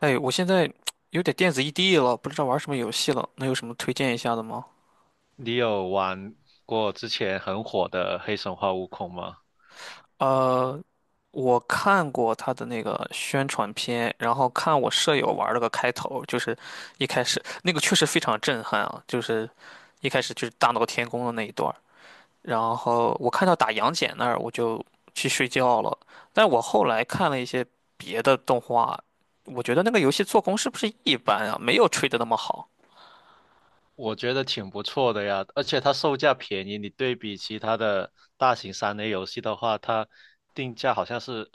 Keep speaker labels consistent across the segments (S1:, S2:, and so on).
S1: 哎，我现在 有点电子异地了，不知道玩什么游戏了，能有什么推荐一下的吗？
S2: 你有玩过之前很火的《黑神话：悟空》吗？
S1: 呃，我看过他的那个宣传片，然后看我舍友玩了个开头，就是一开始那个确实非常震撼啊，就是一开始就是大闹天宫的那一段儿，然后我看到打杨戬那儿，我就去睡觉了。但我后来看了一些别的动画，我觉得那个游戏做工是不是一般啊？没有吹的那么好。
S2: 我觉得挺不错的呀，而且它售价便宜，你对比其他的大型3A 游戏的话，它定价好像是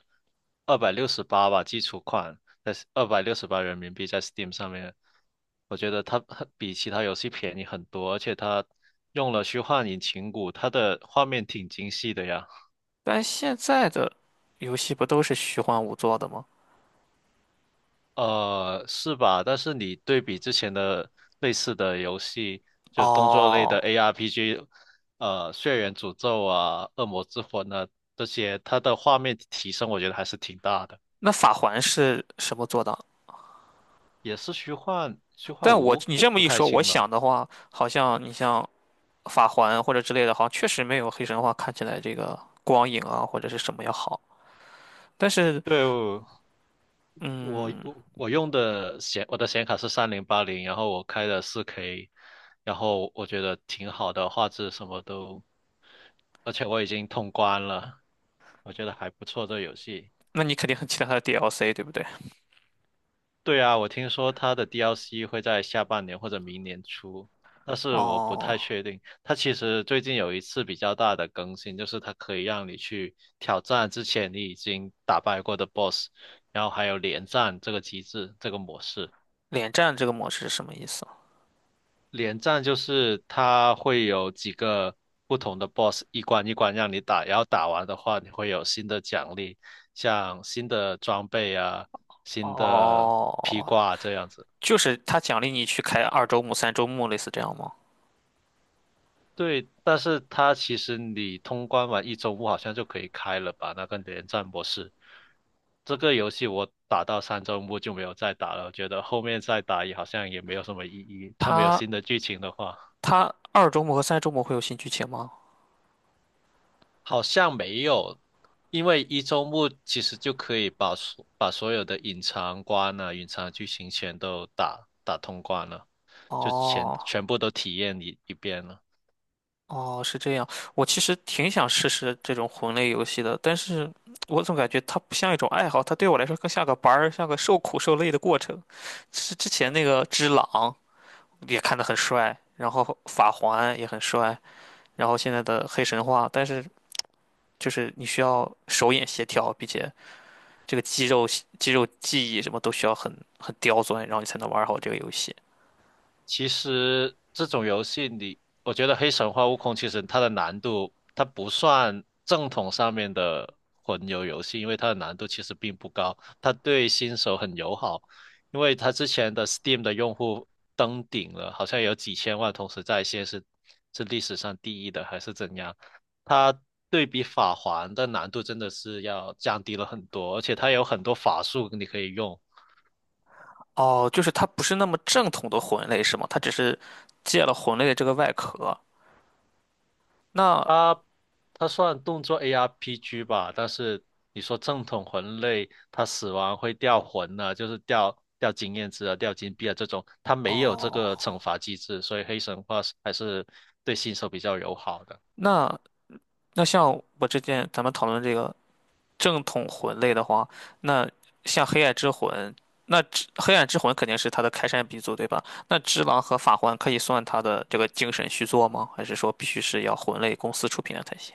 S2: 二百六十八吧，基础款，在二百六十八人民币在 Steam 上面，我觉得它很比其他游戏便宜很多，而且它用了虚幻引擎骨它的画面挺精细的呀。
S1: 但现在的游戏不都是虚幻五做的吗？
S2: 是吧？但是你对比之前的类似的游戏，就动作类
S1: 哦，
S2: 的 ARPG，《血缘诅咒》啊，《恶魔之魂》啊这些，它的画面提升我觉得还是挺大的。
S1: 那法环是什么做的？
S2: 也是虚幻，虚幻
S1: 但我
S2: 五，
S1: 你
S2: 我
S1: 这么
S2: 不
S1: 一
S2: 太
S1: 说，我
S2: 清了。
S1: 想的话，好像你像法环或者之类的，好像确实没有黑神话看起来这个光影啊或者是什么要好。但是，
S2: 对，我
S1: 嗯，
S2: 我用的显我的显卡是3080，然后我开的4K，然后我觉得挺好的，画质什么都，而且我已经通关了，我觉得还不错这游戏。
S1: 那你肯定很期待它的 DLC，对不对？
S2: 对啊，我听说它的 DLC 会在下半年或者明年出，但是我不
S1: 哦，
S2: 太确定。它其实最近有一次比较大的更新，就是它可以让你去挑战之前你已经打败过的 BOSS，然后还有连战这个机制，这个模式。
S1: 连战这个模式是什么意思？
S2: 连战就是它会有几个不同的 BOSS 一关一关让你打，然后打完的话你会有新的奖励，像新的装备啊、新的披
S1: 哦，
S2: 挂啊这样子。
S1: 就是他奖励你去开二周目、三周目，类似这样吗？
S2: 对，但是它其实你通关完一周目好像就可以开了吧？那个连战模式，这个游戏我打到三周目就没有再打了，我觉得后面再打也好像也没有什么意义。它没有
S1: 他
S2: 新的剧情的话，
S1: 他二周目和三周目会有新剧情吗？
S2: 好像没有，因为一周目其实就可以把所有的隐藏关啊、隐藏剧情全都打通关了，就全
S1: 哦
S2: 全部都体验一遍了。
S1: 哦，是这样。我其实挺想试试这种魂类游戏的，但是我总感觉它不像一种爱好，它对我来说更像个班儿，像个受苦受累的过程。是之前那个《只狼》也看得很帅，然后《法环》也很帅，然后现在的《黑神话》，但是就是你需要手眼协调，并且这个肌肉记忆什么都需要很刁钻，然后你才能玩好这个游戏。
S2: 其实这种游戏你，我觉得《黑神话：悟空》其实它的难度，它不算正统上面的魂游游戏，因为它的难度其实并不高，它对新手很友好，因为它之前的 Steam 的用户登顶了，好像有几千万同时在线是历史上第一的还是怎样，它对比法环的难度真的是要降低了很多，而且它有很多法术你可以用。
S1: 哦，就是它不是那么正统的魂类是吗？它只是借了魂类的这个外壳。那
S2: 它它算动作 ARPG 吧，但是你说正统魂类，它死亡会掉魂呢、就是掉经验值啊、掉金币啊这种，它没有这
S1: 哦，
S2: 个惩罚机制，所以黑神话是还是对新手比较友好的。
S1: 那那像我之前咱们讨论这个正统魂类的话，那像黑暗之魂，那只黑暗之魂肯定是它的开山鼻祖，对吧？那只狼和法环可以算它的这个精神续作吗？还是说必须是要魂类公司出品的才行？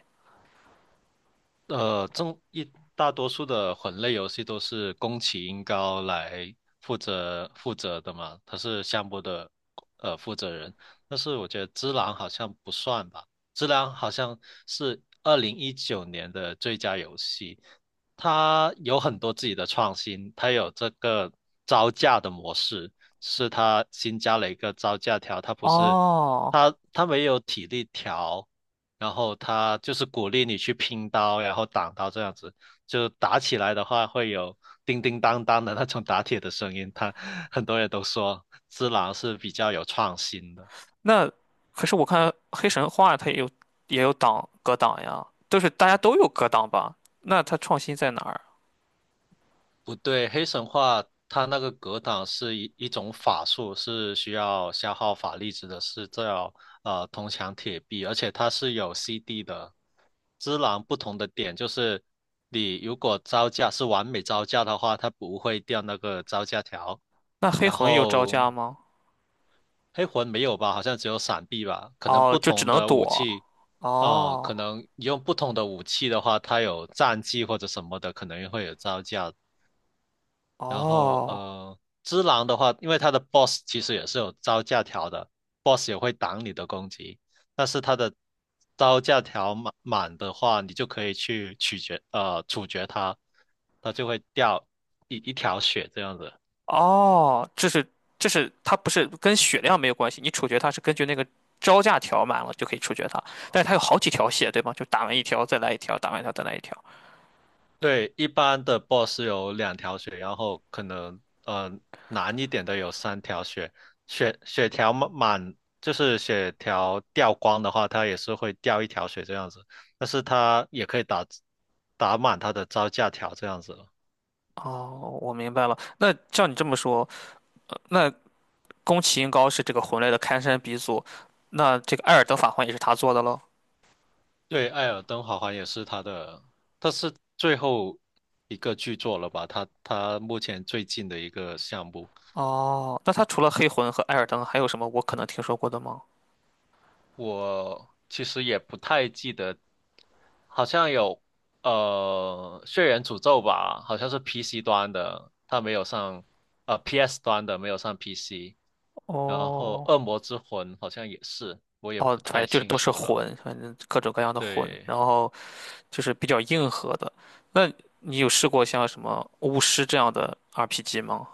S2: 中一大多数的魂类游戏都是宫崎英高来负责的嘛，他是项目的负责人。但是我觉得《只狼》好像不算吧，《只狼》好像是2019年的最佳游戏，它有很多自己的创新，它有这个招架的模式，是它新加了一个招架条，它不是
S1: 哦，
S2: 它它没有体力条。然后他就是鼓励你去拼刀，然后挡刀这样子，就打起来的话会有叮叮当当的那种打铁的声音。他 很多人都说只狼是比较有创新的。
S1: 那可是我看黑神话它也有挡格挡呀，都是大家都有格挡吧？那它创新在哪儿？
S2: 不对，黑神话它那个格挡是一种法术，是需要消耗法力值的，是叫铜墙铁壁，而且它是有 CD 的。只狼不同的点就是，你如果招架是完美招架的话，它不会掉那个招架条。
S1: 那黑
S2: 然
S1: 魂有招
S2: 后
S1: 架吗？
S2: 黑魂没有吧？好像只有闪避吧？可能
S1: 哦，
S2: 不
S1: 就只
S2: 同
S1: 能
S2: 的武
S1: 躲。
S2: 器，哦、
S1: 哦
S2: 可能用不同的武器的话，它有战技或者什么的，可能会有招架然后
S1: 哦
S2: 只狼的话，因为它的 boss 其实也是有招架条的，boss 也会挡你的攻击，但是它的招架条满的话，你就可以去处决它，它就会掉一条血这样子。
S1: 哦，这是它不是跟血量没有关系，你处决它是根据那个招架条满了就可以处决它，但是它有好几条血，对吗？就打完一条再来一条，打完一条再来一条。
S2: 对，一般的 boss 有两条血，然后可能难一点的有三条血，血血条满满就是血条掉光的话，它也是会掉一条血这样子，但是它也可以打满它的招架条这样子了。
S1: 哦，我明白了。那照你这么说，那宫崎英高是这个魂类的开山鼻祖，那这个《艾尔登法环》也是他做的喽。
S2: 对，《艾尔登法环》也是它的，它是最后一个剧作了吧？它目前最近的一个项目。
S1: 哦，那他除了黑魂和艾尔登，还有什么我可能听说过的吗？
S2: 我其实也不太记得，好像有《血缘诅咒》吧，好像是 PC 端的，它没有上PS 端的没有上 PC，然后
S1: 哦
S2: 《恶魔之魂》好像也是，我也
S1: 哦，
S2: 不
S1: 反
S2: 太
S1: 正就是
S2: 清
S1: 都是
S2: 楚了。
S1: 魂，反正各种各样的魂，
S2: 对，
S1: 然后就是比较硬核的。那你有试过像什么巫师这样的 RPG 吗？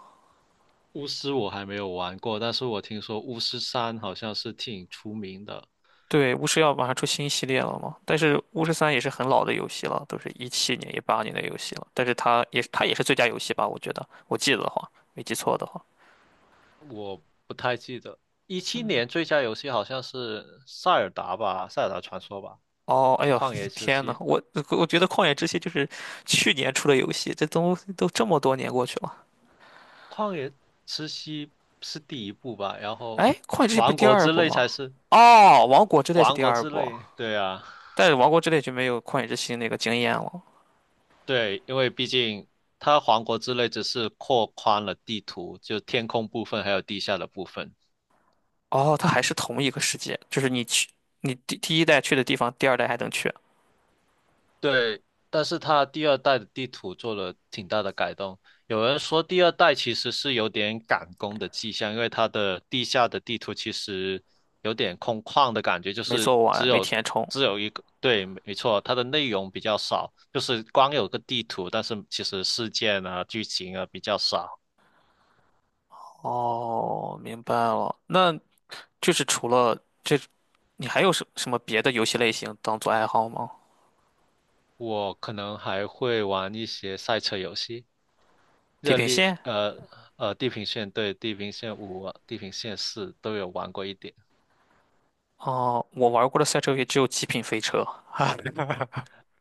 S2: 巫师我还没有玩过，但是我听说巫师3好像是挺出名的，
S1: 对，巫师要马上出新系列了嘛，但是巫师三也是很老的游戏了，都是17年、18年的游戏了，但是它也是最佳游戏吧？我觉得，我记得的话，没记错的话，
S2: 我不太记得。一七
S1: 嗯。
S2: 年最佳游戏好像是《塞尔达》吧，《塞尔达传说》吧，
S1: 哦，哎呦，
S2: 《旷野之
S1: 天
S2: 息》。
S1: 呐，我觉得《旷野之息》就是去年出的游戏，这都这么多年过去了。
S2: 旷野之息是第一部吧，然后
S1: 哎，《旷野之息》不是
S2: 王
S1: 第
S2: 国
S1: 二
S2: 之
S1: 部
S2: 泪
S1: 吗？
S2: 才是
S1: 哦，《王国之泪》是
S2: 王
S1: 第
S2: 国
S1: 二
S2: 之
S1: 部，
S2: 泪。对啊，
S1: 但是《王国之泪》就没有《旷野之息》那个惊艳了。
S2: 对，因为毕竟它王国之泪只是扩宽了地图，就天空部分还有地下的部分。
S1: 哦，它还是同一个世界，就是你第一代去的地方，第二代还能去，
S2: 对，但是它第二代的地图做了挺大的改动。有人说第二代其实是有点赶工的迹象，因为它的地下的地图其实有点空旷的感觉，就
S1: 没
S2: 是
S1: 做完，
S2: 只
S1: 没
S2: 有
S1: 填充。
S2: 只有一个，对，没错，它的内容比较少，就是光有个地图，但是其实事件啊、剧情啊比较少。
S1: 哦，明白了。那就是除了这，你还有什么别的游戏类型当做爱好吗？
S2: 我可能还会玩一些赛车游戏，
S1: 《地
S2: 热
S1: 平
S2: 力，
S1: 线》
S2: 地平线，对，地平线5啊、地平线4都有玩过一点。
S1: 哦，我玩过的赛车游戏只有《极品飞车》。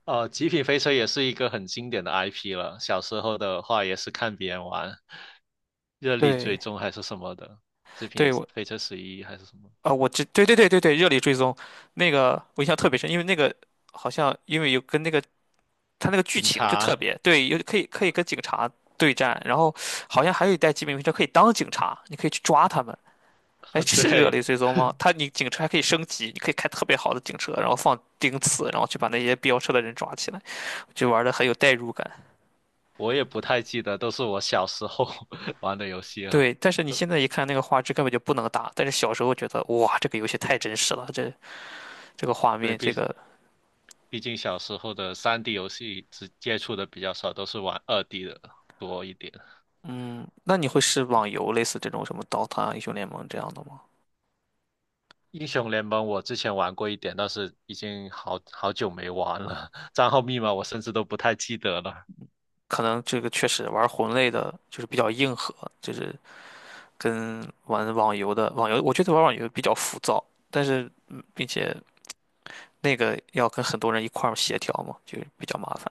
S2: 极品飞车也是一个很经典的 IP 了。小时候的话，也是看别人玩，热力追
S1: 对，
S2: 踪还是什么的，极品
S1: 对，我
S2: 飞车十一还是什么
S1: 啊，我知，对对对对对，热力追踪那个我印象特别深，因为那个好像因为有跟那个他那个剧
S2: 警
S1: 情就特
S2: 察，
S1: 别对，有可以跟警察对战，然后好像还有一代极品飞车可以当警察，你可以去抓他们。哎，是热
S2: 对，
S1: 力追踪吗？他 你警车还可以升级，你可以开特别好的警车，然后放钉刺，然后去把那些飙车的人抓起来，就玩的很有代入感。
S2: 我也不太记得，都是我小时候 玩的游戏了。
S1: 对，但是你现在一看那个画质根本就不能打，但是小时候觉得哇，这个游戏太真实了，这这个画
S2: 对，
S1: 面，这
S2: 毕
S1: 个
S2: 毕竟小时候的3D 游戏只接触的比较少，都是玩2D 的多一点。
S1: 嗯，那你会是网游类似这种什么《刀塔》《英雄联盟》这样的吗？
S2: 英雄联盟我之前玩过一点，但是已经好久没玩了，账号密码我甚至都不太记得了。
S1: 可能这个确实玩魂类的，就是比较硬核，就是跟玩网游的，我觉得玩网游比较浮躁，但是嗯并且那个要跟很多人一块儿协调嘛，就比较麻烦。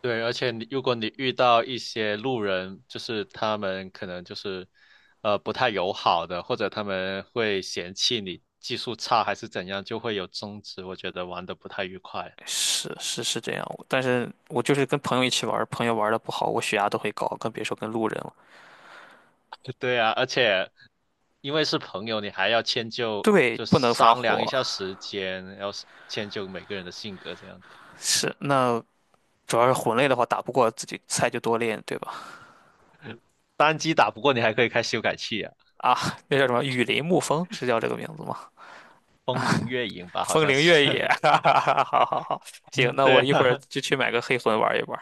S2: 对，而且你如果你遇到一些路人，就是他们可能就是不太友好的，或者他们会嫌弃你技术差还是怎样，就会有争执。我觉得玩的不太愉快。
S1: 是这样，但是我就是跟朋友一起玩，朋友玩的不好，我血压都会高，更别说跟路人了。
S2: 对啊，而且因为是朋友，你还要迁就，
S1: 对，
S2: 就
S1: 不能发
S2: 商量一
S1: 火，
S2: 下时间，要是迁就每个人的性格这样子。
S1: 是那主要是魂类的话，打不过自己菜就多练，对吧？
S2: 单机打不过，你还可以开修改器啊，
S1: 啊，那叫什么？雨林沐风是叫这个名字吗？
S2: 风铃月影吧，好
S1: 风
S2: 像
S1: 铃
S2: 是。
S1: 越野，哈哈哈，好好好，行，那
S2: 对
S1: 我一会儿
S2: 啊，
S1: 就去买个黑魂玩一玩。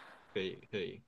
S2: 可以可以。